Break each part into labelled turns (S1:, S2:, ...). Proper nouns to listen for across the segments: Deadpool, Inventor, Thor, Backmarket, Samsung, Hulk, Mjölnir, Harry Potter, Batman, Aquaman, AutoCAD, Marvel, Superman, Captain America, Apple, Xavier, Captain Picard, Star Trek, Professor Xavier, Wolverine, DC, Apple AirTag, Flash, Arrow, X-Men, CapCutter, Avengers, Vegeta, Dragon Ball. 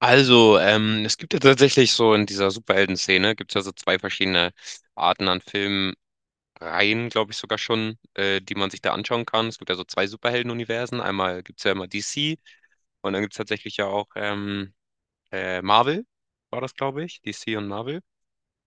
S1: Es gibt ja tatsächlich so in dieser Superhelden-Szene gibt es ja so zwei verschiedene Arten an Filmreihen, glaube ich sogar schon, die man sich da anschauen kann. Es gibt ja so zwei Superhelden-Universen. Einmal gibt es ja immer DC und dann gibt es tatsächlich ja auch Marvel, war das, glaube ich, DC und Marvel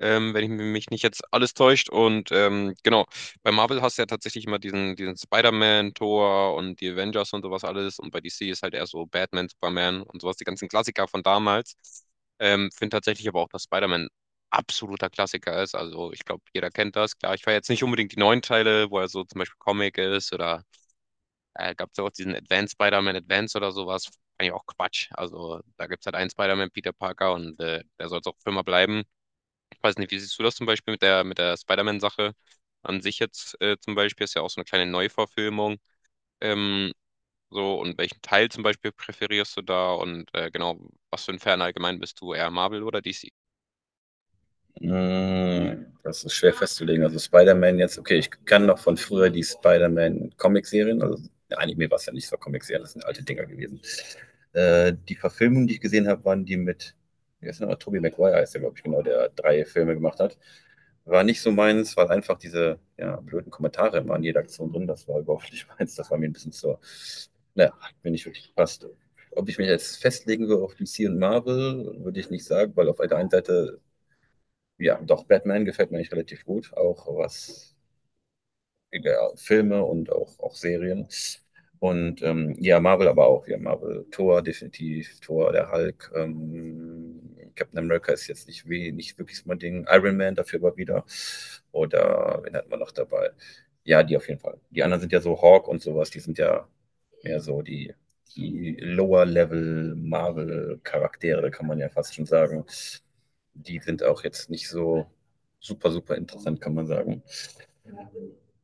S1: ähm, wenn ich mich nicht jetzt alles täuscht. Und genau, bei Marvel hast du ja tatsächlich immer diesen Spider-Man, Thor und die Avengers und sowas alles. Und bei DC ist halt eher so Batman, Superman und sowas, die ganzen Klassiker von damals. Finde tatsächlich aber auch, dass Spider-Man absoluter Klassiker ist. Also ich glaube, jeder kennt das. Klar, ich feiere jetzt nicht unbedingt die neuen Teile, wo er so zum Beispiel Comic ist oder gab es ja auch diesen Advanced Spider-Man Advance oder sowas. Eigentlich auch Quatsch. Also da gibt es halt einen Spider-Man, Peter Parker, und der soll es auch für immer bleiben. Weiß nicht, wie siehst du das zum Beispiel mit der Spider-Man-Sache an sich jetzt zum Beispiel? Ist ja auch so eine kleine Neuverfilmung. Ähm, und welchen Teil zum Beispiel präferierst du da? Und genau, was für ein Fan allgemein bist du? Eher Marvel oder DC?
S2: Hm, das ist schwer festzulegen. Also Spider-Man jetzt, okay, ich kann noch von früher die Spider-Man-Comic-Serien, also Anime war es ja nicht, so war Comic-Serien, das sind alte Dinger gewesen. Die Verfilmungen, die ich gesehen habe, waren die mit, wie heißt der noch, Tobey Maguire heißt der, glaube ich, genau, der drei Filme gemacht hat. War nicht so meins, weil einfach diese ja, blöden Kommentare immer in jeder Aktion drin, das war überhaupt nicht meins, das war mir ein bisschen zu, naja, hat mir nicht wirklich gepasst. Ob ich mich jetzt festlegen würde auf DC und Marvel, würde ich nicht sagen, weil auf der einen Seite ja, doch, Batman gefällt mir eigentlich relativ gut, auch was egal, Filme und auch, auch Serien. Und ja, Marvel aber auch. Ja, Marvel, Thor definitiv, Thor, der Hulk. Captain America ist jetzt nicht, weh, nicht wirklich so mein Ding. Iron Man dafür aber wieder. Oder wen hatten wir noch dabei? Ja, die auf jeden Fall. Die anderen sind ja so Hawk und sowas, die sind ja mehr so die, die Lower-Level-Marvel-Charaktere, kann man ja fast schon sagen, die sind auch jetzt nicht so super, super interessant, kann man sagen.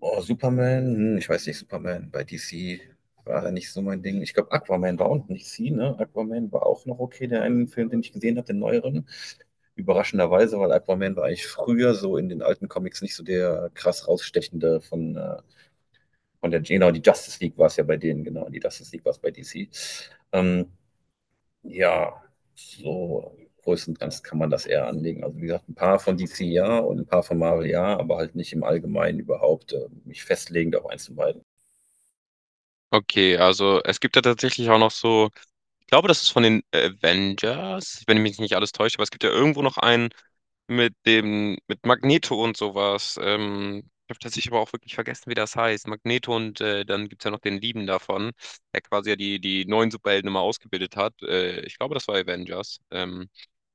S2: Oh, Superman, hm, ich weiß nicht, Superman bei DC war ja nicht so mein Ding. Ich glaube, Aquaman war auch nicht DC, ne? Aquaman war auch noch okay, der einen Film, den ich gesehen habe, den neueren. Überraschenderweise, weil Aquaman war eigentlich früher so in den alten Comics nicht so der krass rausstechende von der, genau, die Justice League war es ja bei denen, genau, die Justice League war es bei DC. Ähm, Ja, so größtenteils kann man das eher anlegen. Also wie gesagt, ein paar von DC ja und ein paar von Marvel ja, aber halt nicht im Allgemeinen überhaupt mich festlegend auf eins von beiden.
S1: Okay, also es gibt ja tatsächlich auch noch so. Ich glaube, das ist von den Avengers, wenn ich mich nicht alles täusche, aber es gibt ja irgendwo noch einen mit Magneto und sowas. Ich habe tatsächlich aber auch wirklich vergessen, wie das heißt. Magneto und dann gibt es ja noch den Lieben davon, der quasi ja die neuen Superhelden immer ausgebildet hat. Ich glaube, das war Avengers.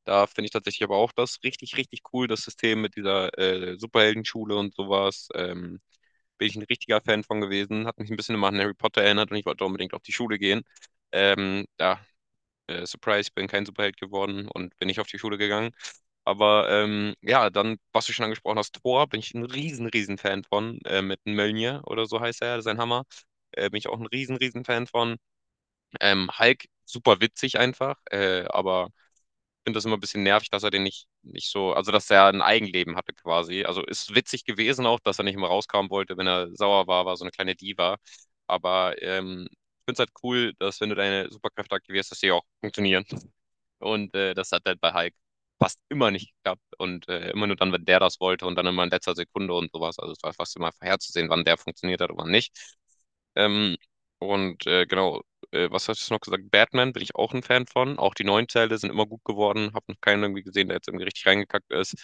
S1: Da finde ich tatsächlich aber auch das richtig, richtig cool, das System mit dieser Superheldenschule und sowas. Bin ich ein richtiger Fan von gewesen. Hat mich ein bisschen immer an Harry Potter erinnert und ich wollte unbedingt auf die Schule gehen. Da Surprise, ich bin kein Superheld geworden und bin nicht auf die Schule gegangen. Aber ja, dann, was du schon angesprochen hast, Thor, bin ich ein riesen, riesen Fan von. Mit Mjölnir oder so heißt er, sein Hammer. Bin ich auch ein riesen, riesen Fan von. Hulk, super witzig einfach. Aber ich finde das immer ein bisschen nervig, dass er den nicht so, also dass er ein Eigenleben hatte quasi. Also ist witzig gewesen auch, dass er nicht immer rauskommen wollte, wenn er sauer war, war so eine kleine Diva. Aber ich finde es halt cool, dass wenn du deine Superkräfte aktivierst, dass die auch funktionieren. Und das hat halt bei Hulk fast immer nicht geklappt und immer nur dann, wenn der das wollte und dann immer in letzter Sekunde und sowas. Also es war fast immer vorherzusehen, wann der funktioniert hat und wann nicht. Ähm, und äh, genau, Was hast du noch gesagt? Batman bin ich auch ein Fan von. Auch die neuen Teile sind immer gut geworden. Hab noch keinen irgendwie gesehen, der jetzt irgendwie richtig reingekackt ist.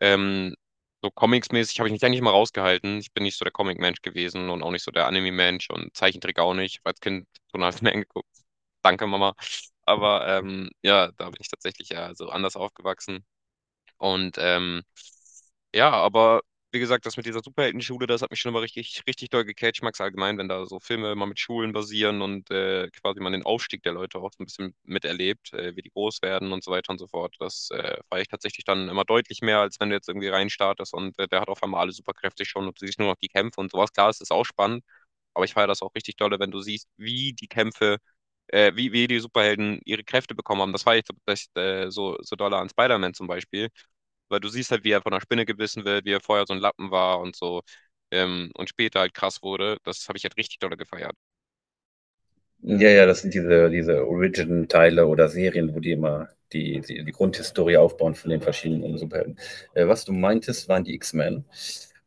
S1: Ähm, so Comics-mäßig habe ich mich eigentlich mal rausgehalten. Ich bin nicht so der Comic-Mensch gewesen und auch nicht so der Anime-Mensch und Zeichentrick auch nicht. Ich hab als Kind Donald Mann geguckt. Danke, Mama. Aber ja, da bin ich tatsächlich ja so anders aufgewachsen. Und ja, aber wie gesagt, das mit dieser Superheldenschule, das hat mich schon immer richtig, richtig doll gecatcht. Ich mag's allgemein, wenn da so Filme immer mit Schulen basieren und quasi man den Aufstieg der Leute auch so ein bisschen miterlebt, wie die groß werden und so weiter und so fort. Das feiere ich tatsächlich dann immer deutlich mehr, als wenn du jetzt irgendwie reinstartest und der hat auf einmal alle Superkräfte schon und du siehst nur noch die Kämpfe und sowas. Klar, es ist auch spannend, aber ich feiere das auch richtig dolle, wenn du siehst, wie die Kämpfe wie die Superhelden ihre Kräfte bekommen haben. Das war ich das, so doll an Spider-Man zum Beispiel, weil du siehst halt, wie er von einer Spinne gebissen wird, wie er vorher so ein Lappen war und so und später halt krass wurde. Das habe ich halt richtig doll gefeiert.
S2: Ja, ja, das sind diese, diese Origin-Teile oder Serien, wo die immer die Grundhistorie aufbauen von den verschiedenen Superhelden. Was du meintest, waren die X-Men.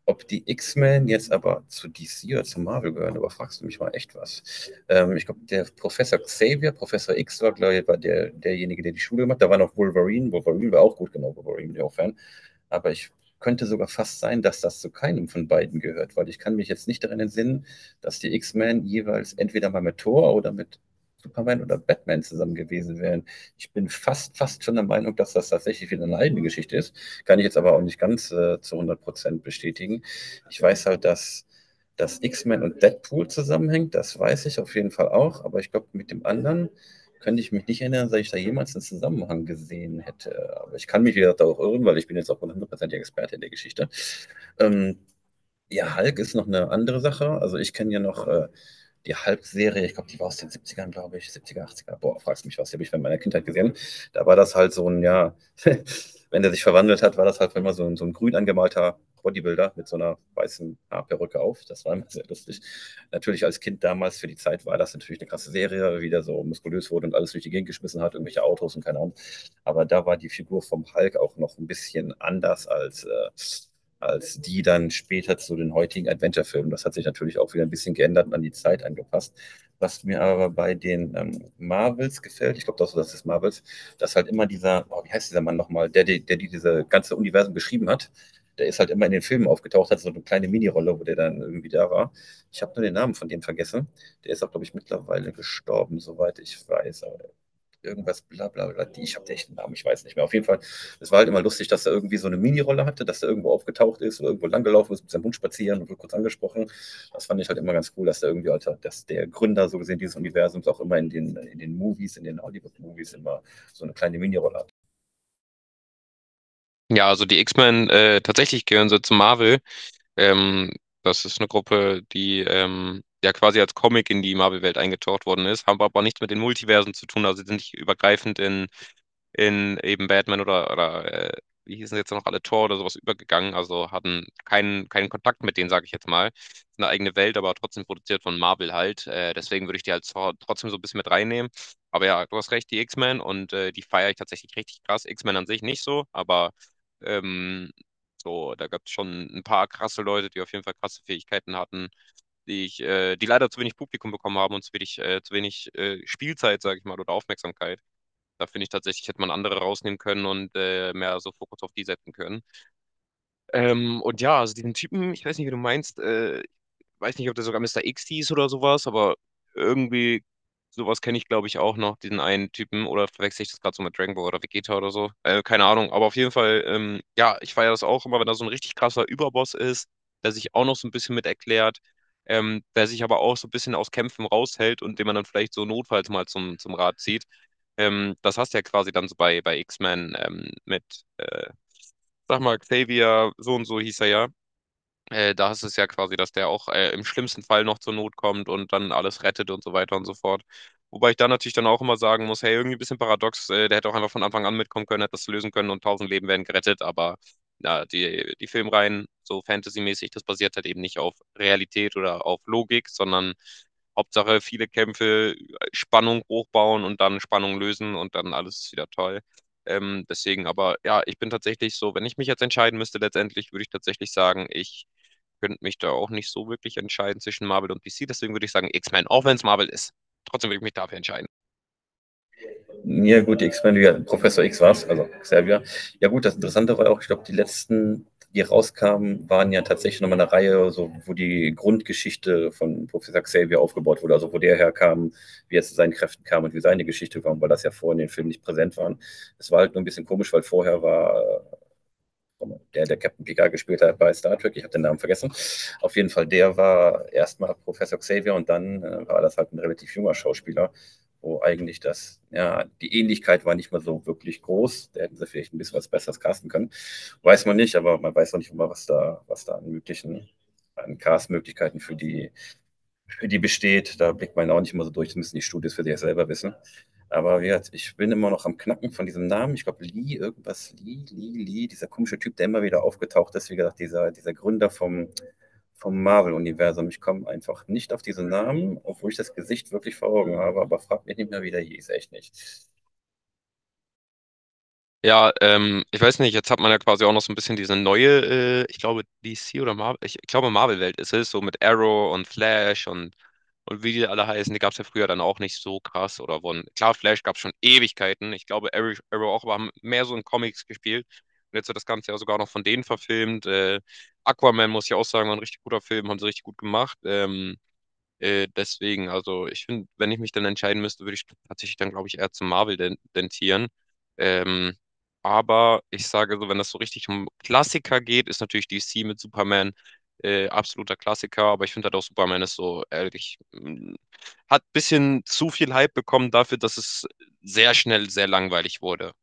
S2: Ob die X-Men jetzt aber zu DC oder zu Marvel gehören, aber fragst du mich mal echt was. Ich glaube, der Professor Xavier, Professor X war, glaube ich, war der, derjenige, der die Schule gemacht hat. Da war noch Wolverine. Wolverine war auch gut, genau, Wolverine, der auch Fan. Aber ich könnte sogar fast sein, dass das zu keinem von beiden gehört, weil ich kann mich jetzt nicht daran entsinnen, dass die X-Men jeweils entweder mal mit Thor oder mit Superman oder Batman zusammen gewesen wären. Ich bin fast, fast schon der Meinung, dass das tatsächlich wieder eine eigene Geschichte ist. Kann ich jetzt aber auch nicht ganz zu 100% bestätigen. Ich weiß halt, dass das X-Men und Deadpool zusammenhängt, das weiß ich auf jeden Fall auch, aber ich glaube, mit dem anderen könnte ich mich nicht erinnern, dass ich da jemals einen Zusammenhang gesehen hätte. Aber ich kann mich, wie gesagt, auch irren, weil ich bin jetzt auch 100%iger Experte in der Geschichte. Ähm, ja, Hulk ist noch eine andere Sache. Also ich kenne ja noch die Hulk-Serie, ich glaube, die war aus den Siebzigern, glaube ich, Siebziger, er, boah, fragst mich was, die habe ich in meiner Kindheit gesehen. Da war das halt so ein, ja, wenn der sich verwandelt hat, war das halt immer so ein grün angemalter Bodybuilder mit so einer weißen Haarperücke auf. Das war immer sehr lustig. Natürlich als Kind damals für die Zeit war das natürlich eine krasse Serie, wie der so muskulös wurde und alles durch die Gegend geschmissen hat, irgendwelche Autos und keine Ahnung. Aber da war die Figur vom Hulk auch noch ein bisschen anders als als die dann später zu den heutigen Adventure-Filmen. Das hat sich natürlich auch wieder ein bisschen geändert und an die Zeit angepasst. Was mir aber bei den Marvels gefällt, ich glaube, das, das ist Marvels, dass halt immer dieser, oh, wie heißt dieser Mann nochmal, der diese ganze Universum geschrieben hat, der ist halt immer in den Filmen aufgetaucht, hat so eine kleine Minirolle, wo der dann irgendwie da war. Ich habe nur den Namen von dem vergessen. Der ist auch, glaube ich, mittlerweile gestorben, soweit ich weiß. Aber irgendwas, bla bla bla. Die, ich habe den echten Namen, ich weiß nicht mehr. Auf jeden Fall, es war halt immer lustig, dass er irgendwie so eine Minirolle hatte, dass er irgendwo aufgetaucht ist oder irgendwo langgelaufen ist, mit seinem Hund spazieren und wird kurz angesprochen. Das fand ich halt immer ganz cool, dass er irgendwie, Alter, dass der Gründer so gesehen dieses Universums auch immer in den Movies, in den Hollywood-Movies immer so eine kleine Minirolle.
S1: Ja, also die X-Men tatsächlich gehören so zu Marvel. Ähm, Das ist eine Gruppe, die ja quasi als Comic in die Marvel-Welt eingetaucht worden ist, haben aber nichts mit den Multiversen zu tun, also sind nicht übergreifend in eben Batman oder wie hießen jetzt noch alle Tor oder sowas übergegangen, also hatten keinen Kontakt mit denen, sage ich jetzt mal. Ist eine eigene Welt, aber trotzdem produziert von Marvel halt. Deswegen würde ich die halt so- trotzdem so ein bisschen mit reinnehmen. Aber ja, du hast recht, die X-Men und die feiere ich tatsächlich richtig krass. X-Men an sich nicht so, aber ähm, da gab es schon ein paar krasse Leute, die auf jeden Fall krasse Fähigkeiten hatten, die leider zu wenig Publikum bekommen haben und zu wenig, Spielzeit, sage ich mal, oder Aufmerksamkeit. Da finde ich tatsächlich, hätte man andere rausnehmen können und mehr so Fokus auf die setzen können. Und ja, also diesen Typen, ich weiß nicht, wie du meinst, weiß nicht, ob der sogar Mister X hieß oder sowas, aber irgendwie sowas kenne ich, glaube ich, auch noch, diesen einen Typen. Oder verwechsel ich das gerade so mit Dragon Ball oder Vegeta oder so? Keine Ahnung, aber auf jeden Fall, ja, ich feiere das auch immer, wenn da so ein richtig krasser Überboss ist, der sich auch noch so ein bisschen mit erklärt, der sich aber auch so ein bisschen aus Kämpfen raushält und den man dann vielleicht so notfalls mal zum Rat zieht. Das hast du ja quasi dann so bei X-Men mit, äh, sag mal, Xavier, so und so hieß er ja. Da ist es ja quasi, dass der auch im schlimmsten Fall noch zur Not kommt und dann alles rettet und so weiter und so fort. Wobei ich da natürlich dann auch immer sagen muss, hey, irgendwie ein bisschen paradox, der hätte auch einfach von Anfang an mitkommen können, hätte das lösen können und tausend Leben wären gerettet, aber na, die Filmreihen, so fantasymäßig, das basiert halt eben nicht auf Realität oder auf Logik, sondern Hauptsache viele Kämpfe, Spannung hochbauen und dann Spannung lösen und dann alles ist wieder toll. Deswegen, aber ja, ich bin tatsächlich so, wenn ich mich jetzt entscheiden müsste, letztendlich würde ich tatsächlich sagen, ich könnte mich da auch nicht so wirklich entscheiden zwischen Marvel und DC. Deswegen würde ich sagen X-Men, auch wenn es Marvel ist. Trotzdem würde ich mich dafür entscheiden.
S2: Ja gut, die X-Men, ja, Professor X war es, also Xavier. Ja gut, das Interessante war ja auch, ich glaube, die letzten, die rauskamen, waren ja tatsächlich nochmal eine Reihe, so, wo die Grundgeschichte von Professor Xavier aufgebaut wurde, also wo der herkam, wie er zu seinen Kräften kam und wie seine Geschichte war, weil das ja vorher in den Filmen nicht präsent waren. Es war halt nur ein bisschen komisch, weil vorher war der, der Captain Picard gespielt hat bei Star Trek, ich habe den Namen vergessen. Auf jeden Fall, der war erstmal Professor Xavier und dann war das halt ein relativ junger Schauspieler, wo eigentlich das, ja, die Ähnlichkeit war nicht mal so wirklich groß. Da hätten sie vielleicht ein bisschen was Besseres casten können. Weiß man nicht, aber man weiß auch nicht immer, was da an möglichen, an Castmöglichkeiten für die wie die besteht, da blickt man ja auch nicht mal so durch, das müssen die Studios für sich selber wissen. Aber wie gesagt, ich bin immer noch am Knacken von diesem Namen. Ich glaube, Lee, irgendwas, Lee, Lee, Lee, dieser komische Typ, der immer wieder aufgetaucht ist, wie gesagt, dieser, dieser Gründer vom, vom Marvel-Universum. Ich komme einfach nicht auf diesen Namen, obwohl ich das Gesicht wirklich vor Augen habe, aber frag mich nicht mehr, wie der hieß, echt nicht.
S1: Ja, ich weiß nicht, jetzt hat man ja quasi auch noch so ein bisschen diese neue, ich glaube DC oder Marvel, ich glaube Marvel-Welt ist es, so mit Arrow und Flash und wie die alle heißen, die gab es ja früher dann auch nicht so krass oder wurden, klar, Flash gab es schon Ewigkeiten, ich glaube Arrow, Arrow auch, aber haben mehr so in Comics gespielt und jetzt wird das Ganze ja sogar noch von denen verfilmt, Aquaman muss ich auch sagen, war ein richtig guter Film, haben sie richtig gut gemacht, deswegen, also ich finde, wenn ich mich dann entscheiden müsste, würde ich tatsächlich dann, glaube ich, eher zu Marvel den- dentieren. Ähm, aber ich sage so, wenn das so richtig um Klassiker geht, ist natürlich DC mit Superman absoluter Klassiker. Aber ich finde halt auch Superman ist so, ehrlich, hat ein bisschen zu viel Hype bekommen dafür, dass es sehr schnell sehr langweilig wurde.